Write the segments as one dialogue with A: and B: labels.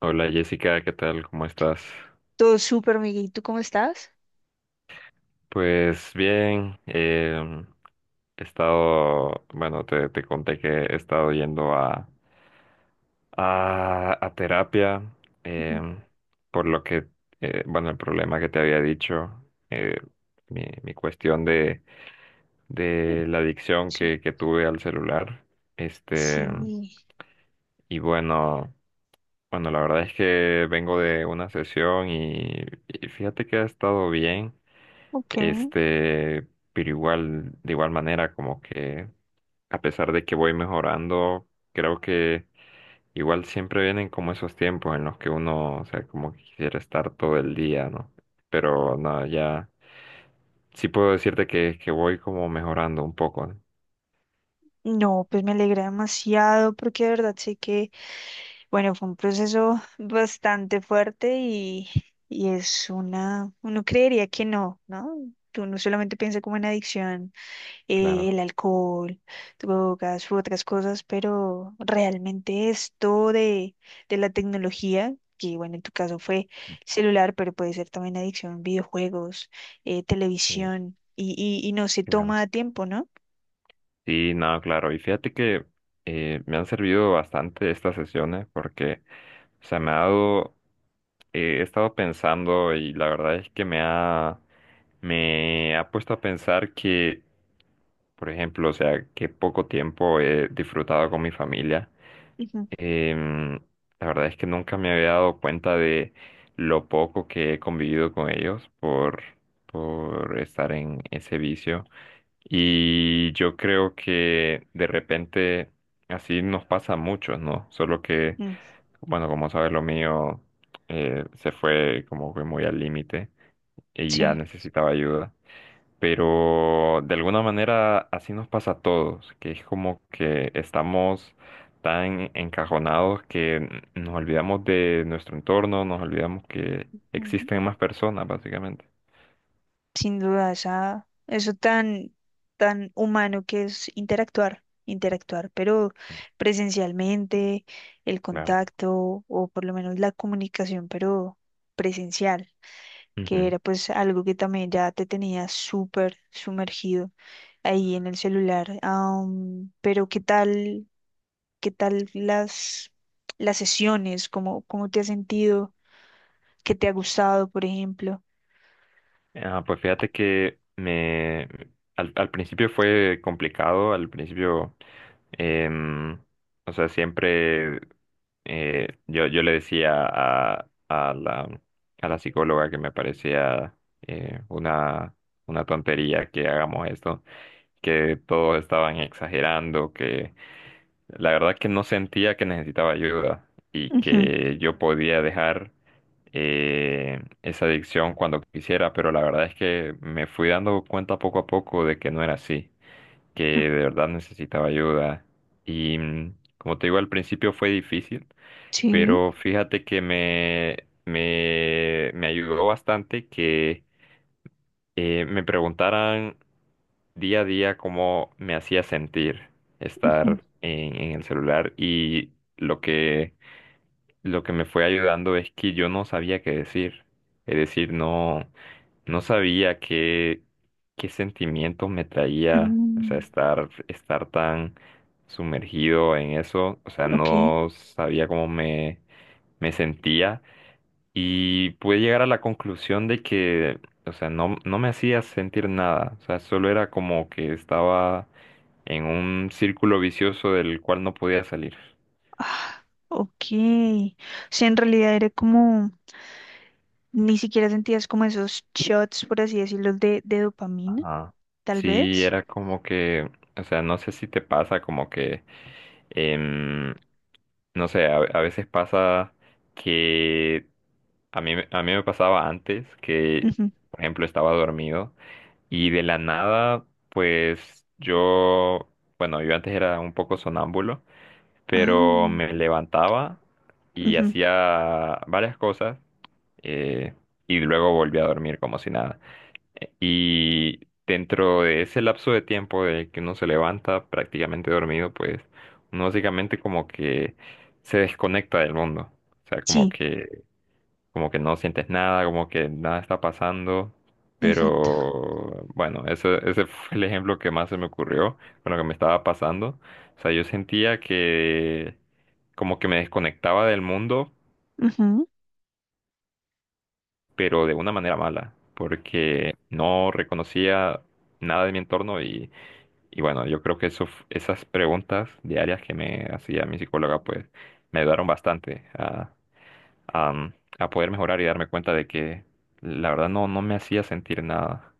A: Hola Jessica, ¿qué tal? ¿Cómo estás?
B: Todo súper, Miguel. ¿Y tú cómo estás?
A: Pues bien, he estado, bueno, te conté que he estado yendo a terapia,
B: Ujú.
A: em, por lo que, bueno, el problema que te había dicho, eh, mi cuestión de,
B: Sí,
A: de la adicción
B: sí.
A: que tuve al celular. Este,
B: Sí.
A: y bueno, bueno, la verdad es que vengo de una sesión y fíjate que ha estado bien.
B: Ok.
A: Este, pero igual, de igual manera, como que a pesar de que voy mejorando, creo que igual siempre vienen como esos tiempos en los que uno, o sea, como que quisiera estar todo el día, ¿no? Pero no, ya sí puedo decirte que voy como mejorando un poco, ¿no?
B: No, pues me alegra demasiado porque de verdad sé que, bueno, fue un proceso bastante fuerte y es uno creería que no, ¿no? Uno solamente piensa como en adicción.
A: Claro,
B: El alcohol, drogas u otras cosas, pero realmente esto de la tecnología, que bueno, en tu caso fue celular, pero puede ser también adicción, videojuegos,
A: sí,
B: televisión, y no se
A: claro.
B: toma a tiempo, ¿no?
A: Sí, no, claro. Y fíjate que me han servido bastante estas sesiones porque, o sea, me ha dado, he estado pensando y la verdad es que me ha puesto a pensar que, por ejemplo, o sea, que poco tiempo he disfrutado con mi familia.
B: Ujú.
A: Em, la verdad es que nunca me había dado cuenta de lo poco que he convivido con ellos por estar en ese vicio. Y yo creo que de repente así nos pasa a muchos, ¿no? Solo que,
B: Mm.
A: bueno, como sabes, lo mío se fue como que muy al límite y ya
B: Sí.
A: necesitaba ayuda, pero de alguna manera así nos pasa a todos, que es como que estamos tan encajonados que nos olvidamos de nuestro entorno, nos olvidamos que existen más personas, básicamente.
B: Sin duda, eso tan humano que es interactuar, interactuar, pero presencialmente, el
A: Claro.
B: contacto o por lo menos la comunicación, pero presencial, que
A: Ujú.
B: era pues algo que también ya te tenía súper sumergido ahí en el celular. Pero ¿qué tal las sesiones? ¿Cómo te has sentido? ¿Qué te ha gustado, por ejemplo?
A: Ah, pues fíjate que al principio fue complicado, al principio, em, o sea, siempre yo le decía a la psicóloga que me parecía eh, una, una tontería que hagamos esto, que todos estaban exagerando, la verdad que no sentía que necesitaba ayuda y
B: Ujú.
A: que yo podía dejar esa adicción cuando quisiera, pero la verdad es que me fui dando cuenta poco a poco de que no era así, que de verdad necesitaba ayuda. Y como te digo, al principio fue difícil,
B: Sí.
A: pero fíjate que me, me ayudó bastante que me preguntaran día a día cómo me hacía sentir estar en el celular y lo que me fue ayudando es que yo no sabía qué decir. Es decir, no, no sabía qué, qué sentimientos me traía, o sea,
B: Mm.
A: estar, estar tan sumergido en eso, o sea,
B: Ok.
A: no sabía cómo me, me sentía y pude llegar a la conclusión de que, o sea, no, no me hacía sentir nada, o sea, solo era como que estaba en un círculo vicioso del cual no podía salir.
B: Ah, ok. O sea, en realidad era como, ni siquiera sentías como esos shots, por así decirlo, de dopamina,
A: Ajá.
B: tal
A: Sí,
B: vez.
A: era como que, o sea, no sé si te pasa como que, em, no sé, a veces pasa que a mí me pasaba antes que,
B: Ujú.
A: por ejemplo, estaba dormido y de la nada, pues yo, bueno, yo antes era un poco sonámbulo, pero
B: Ah,
A: me levantaba y
B: ujú.
A: hacía varias cosas, eh, y luego volvía a dormir como si nada. Y dentro de ese lapso de tiempo de que uno se levanta prácticamente dormido, pues uno básicamente como que se desconecta del mundo. O sea, como
B: Sí,
A: que, como que no sientes nada, como que nada está pasando.
B: exacto.
A: Pero bueno, ese fue el ejemplo que más se me ocurrió con lo que me estaba pasando. O sea, yo sentía que como que me desconectaba del mundo,
B: Ujú.
A: pero de una manera mala, porque no reconocía nada de mi entorno. Y bueno, yo creo que eso, esas preguntas diarias que me hacía mi psicóloga, pues me ayudaron bastante a, mm, a poder mejorar y darme cuenta de que la verdad no, no me hacía sentir nada.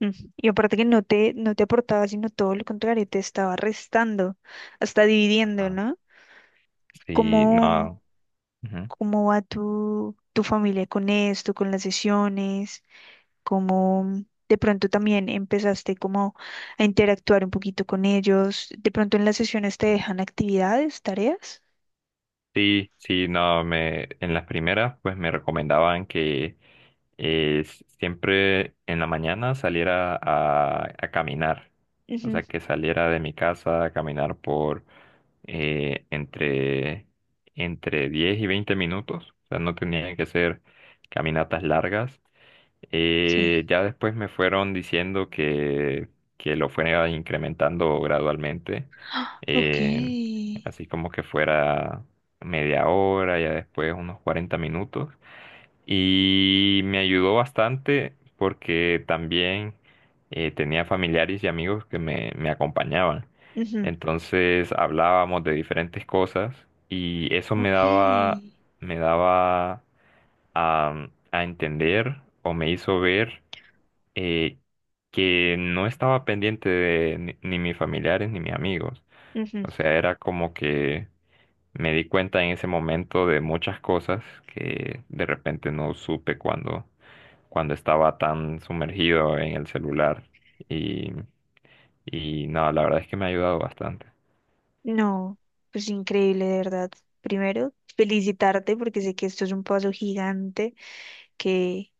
B: Mm. Y aparte que no te aportaba, sino todo lo contrario, te estaba restando, hasta dividiendo,
A: Ah,
B: ¿no?
A: sí,
B: ¿Cómo,
A: no. Ujú.
B: cómo va tu familia con esto, con las sesiones? Cómo de pronto también empezaste como a interactuar un poquito con ellos. De pronto en las sesiones te
A: Sí.
B: dejan actividades, tareas.
A: Sí, sí, no, en las primeras pues me recomendaban que siempre en la mañana saliera a caminar, o
B: Ujú.
A: sea, que saliera de mi casa a caminar por, eh, entre, entre 10 y 20 minutos, o sea, no tenían que ser caminatas largas.
B: Sí.
A: Ya después me fueron diciendo que lo fuera incrementando gradualmente,
B: Ok.
A: eh, así como que fuera media hora, ya después unos 40 minutos. Y me ayudó bastante porque también tenía familiares y amigos que me acompañaban.
B: Ujú.
A: Entonces hablábamos de diferentes cosas y eso me daba,
B: Ok.
A: me daba a, a entender o me hizo ver eh, que no estaba pendiente de ni mis familiares ni mis amigos.
B: Ujú.
A: O sea, era como que me di cuenta en ese momento de muchas cosas que de repente no supe cuando cuando estaba tan sumergido en el celular. Y, y no, la verdad es que me ha ayudado bastante.
B: No, pues increíble, de verdad. Primero, felicitarte porque sé que esto es un paso gigante que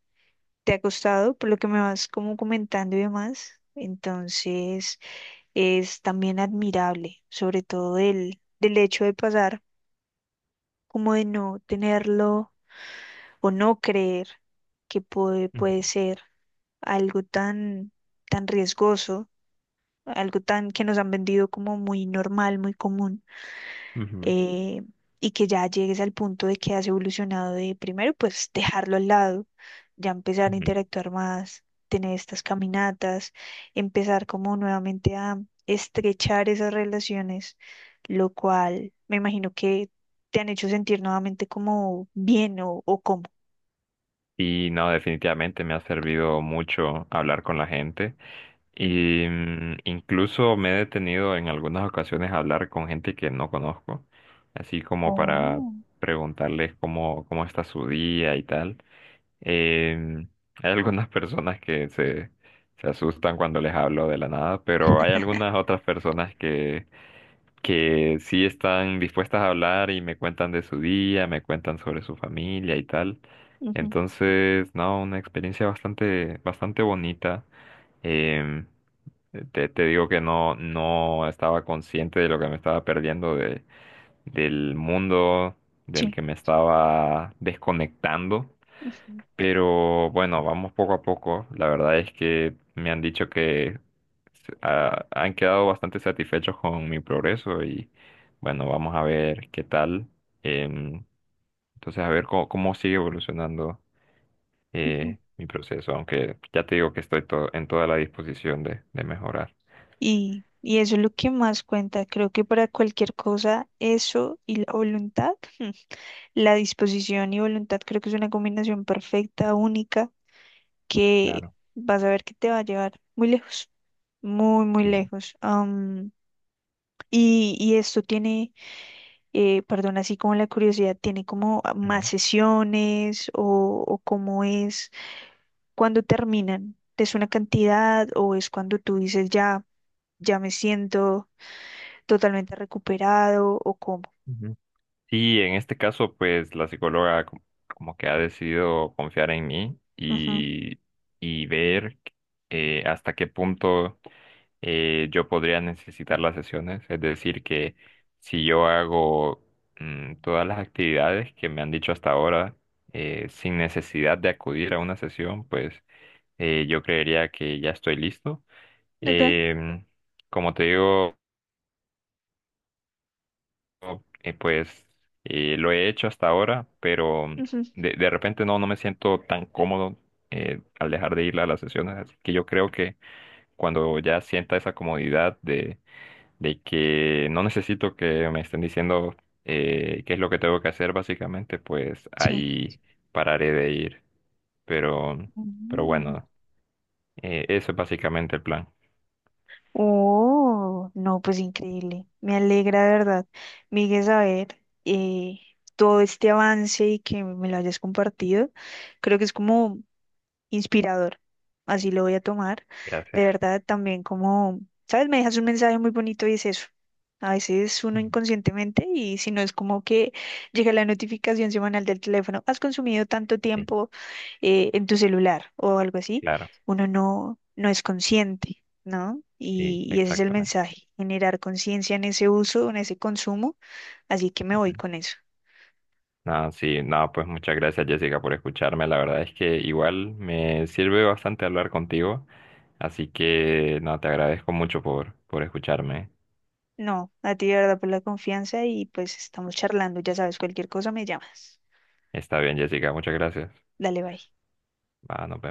B: te ha costado, por lo que me vas como comentando y demás. Entonces, es también admirable, sobre todo del hecho de pasar. Como de no tenerlo o no creer que puede,
A: Ujú,
B: puede ser algo tan riesgoso, algo tan que nos han vendido como muy normal, muy común,
A: ujú,
B: eh, y que ya llegues al punto de que has evolucionado de primero, pues dejarlo al lado, ya empezar a
A: ujú.
B: interactuar más, tener estas caminatas, empezar como nuevamente a estrechar esas relaciones, lo cual me imagino que te han hecho sentir nuevamente como bien o como.
A: Y no, definitivamente me ha servido mucho hablar con la gente.
B: Mm.
A: Y incluso me he detenido en algunas ocasiones a hablar con gente que no conozco, así como para
B: Oh.
A: preguntarles cómo, cómo está su día y tal. Eh, Hay algunas personas que se asustan cuando les hablo de la nada, pero hay algunas otras personas que sí están dispuestas a hablar y me cuentan de su día, me cuentan sobre su familia y tal.
B: Ujú.
A: Entonces, no, una experiencia bastante, bastante bonita. Em, te digo que no, no estaba consciente de lo que me estaba perdiendo de, del mundo del
B: Sí.
A: que me estaba desconectando.
B: Ujú,
A: Pero bueno, vamos poco a poco. La verdad es que me han dicho que han quedado bastante satisfechos con mi progreso y bueno, vamos a ver qué tal. Em, entonces, a ver cómo, cómo sigue evolucionando
B: ujú.
A: mi proceso, aunque ya te digo que estoy en toda la disposición de mejorar.
B: Y eso es lo que más cuenta. Creo que para cualquier cosa, eso y la voluntad. La disposición y voluntad creo que es una combinación perfecta, única, que
A: Claro,
B: vas a ver que te va a llevar muy lejos, muy, muy
A: sí.
B: lejos. Y esto tiene, perdón, así como la curiosidad, tiene como más
A: Ujú,
B: sesiones o cómo es cuando terminan. ¿Es una cantidad o es cuando tú dices ya, ya me siento totalmente recuperado o cómo?
A: ujú. Sí, en este caso, pues la psicóloga como que ha decidido confiar en mí
B: Ujú.
A: y ver hasta qué punto yo podría necesitar las sesiones. Es decir, que si yo hago todas las actividades que me han dicho hasta ahora, sin necesidad de acudir a una sesión, pues yo creería que ya estoy listo.
B: Ok.
A: Em, Como te digo, pues lo he hecho hasta ahora, pero
B: Ujú.
A: de repente no, no me siento tan cómodo al dejar de ir a las sesiones. Así que yo creo que cuando ya sienta esa comodidad de que no necesito que me estén diciendo qué es lo que tengo que hacer, básicamente, pues
B: Sí.
A: ahí pararé de ir. Pero, mm, pero
B: Mm.
A: bueno, eso es básicamente el plan.
B: Oh, no, pues increíble. Me alegra, de verdad, Miguel, saber, todo este avance y que me lo hayas compartido. Creo que es como inspirador. Así lo voy a tomar. De
A: Gracias.
B: verdad, también como, ¿sabes? Me dejas un mensaje muy bonito y es eso. A veces uno
A: Ujú.
B: inconscientemente y si no es como que llega la notificación semanal del teléfono, has consumido tanto
A: Sí,
B: tiempo, en tu celular o algo así,
A: claro,
B: uno no es consciente, ¿no?
A: sí,
B: Y ese es el
A: exactamente.
B: mensaje, generar conciencia en ese uso, en ese consumo, así que me voy con eso.
A: No, sí, nada, pues muchas gracias, Jessica, por escucharme. La verdad es que igual me sirve bastante hablar contigo. Así que no, te agradezco mucho por escucharme.
B: No, a ti de verdad por la confianza y pues estamos charlando, ya sabes, cualquier cosa me llamas.
A: Está bien, Jessica, muchas gracias.
B: Dale, bye.
A: Va, nos vemos.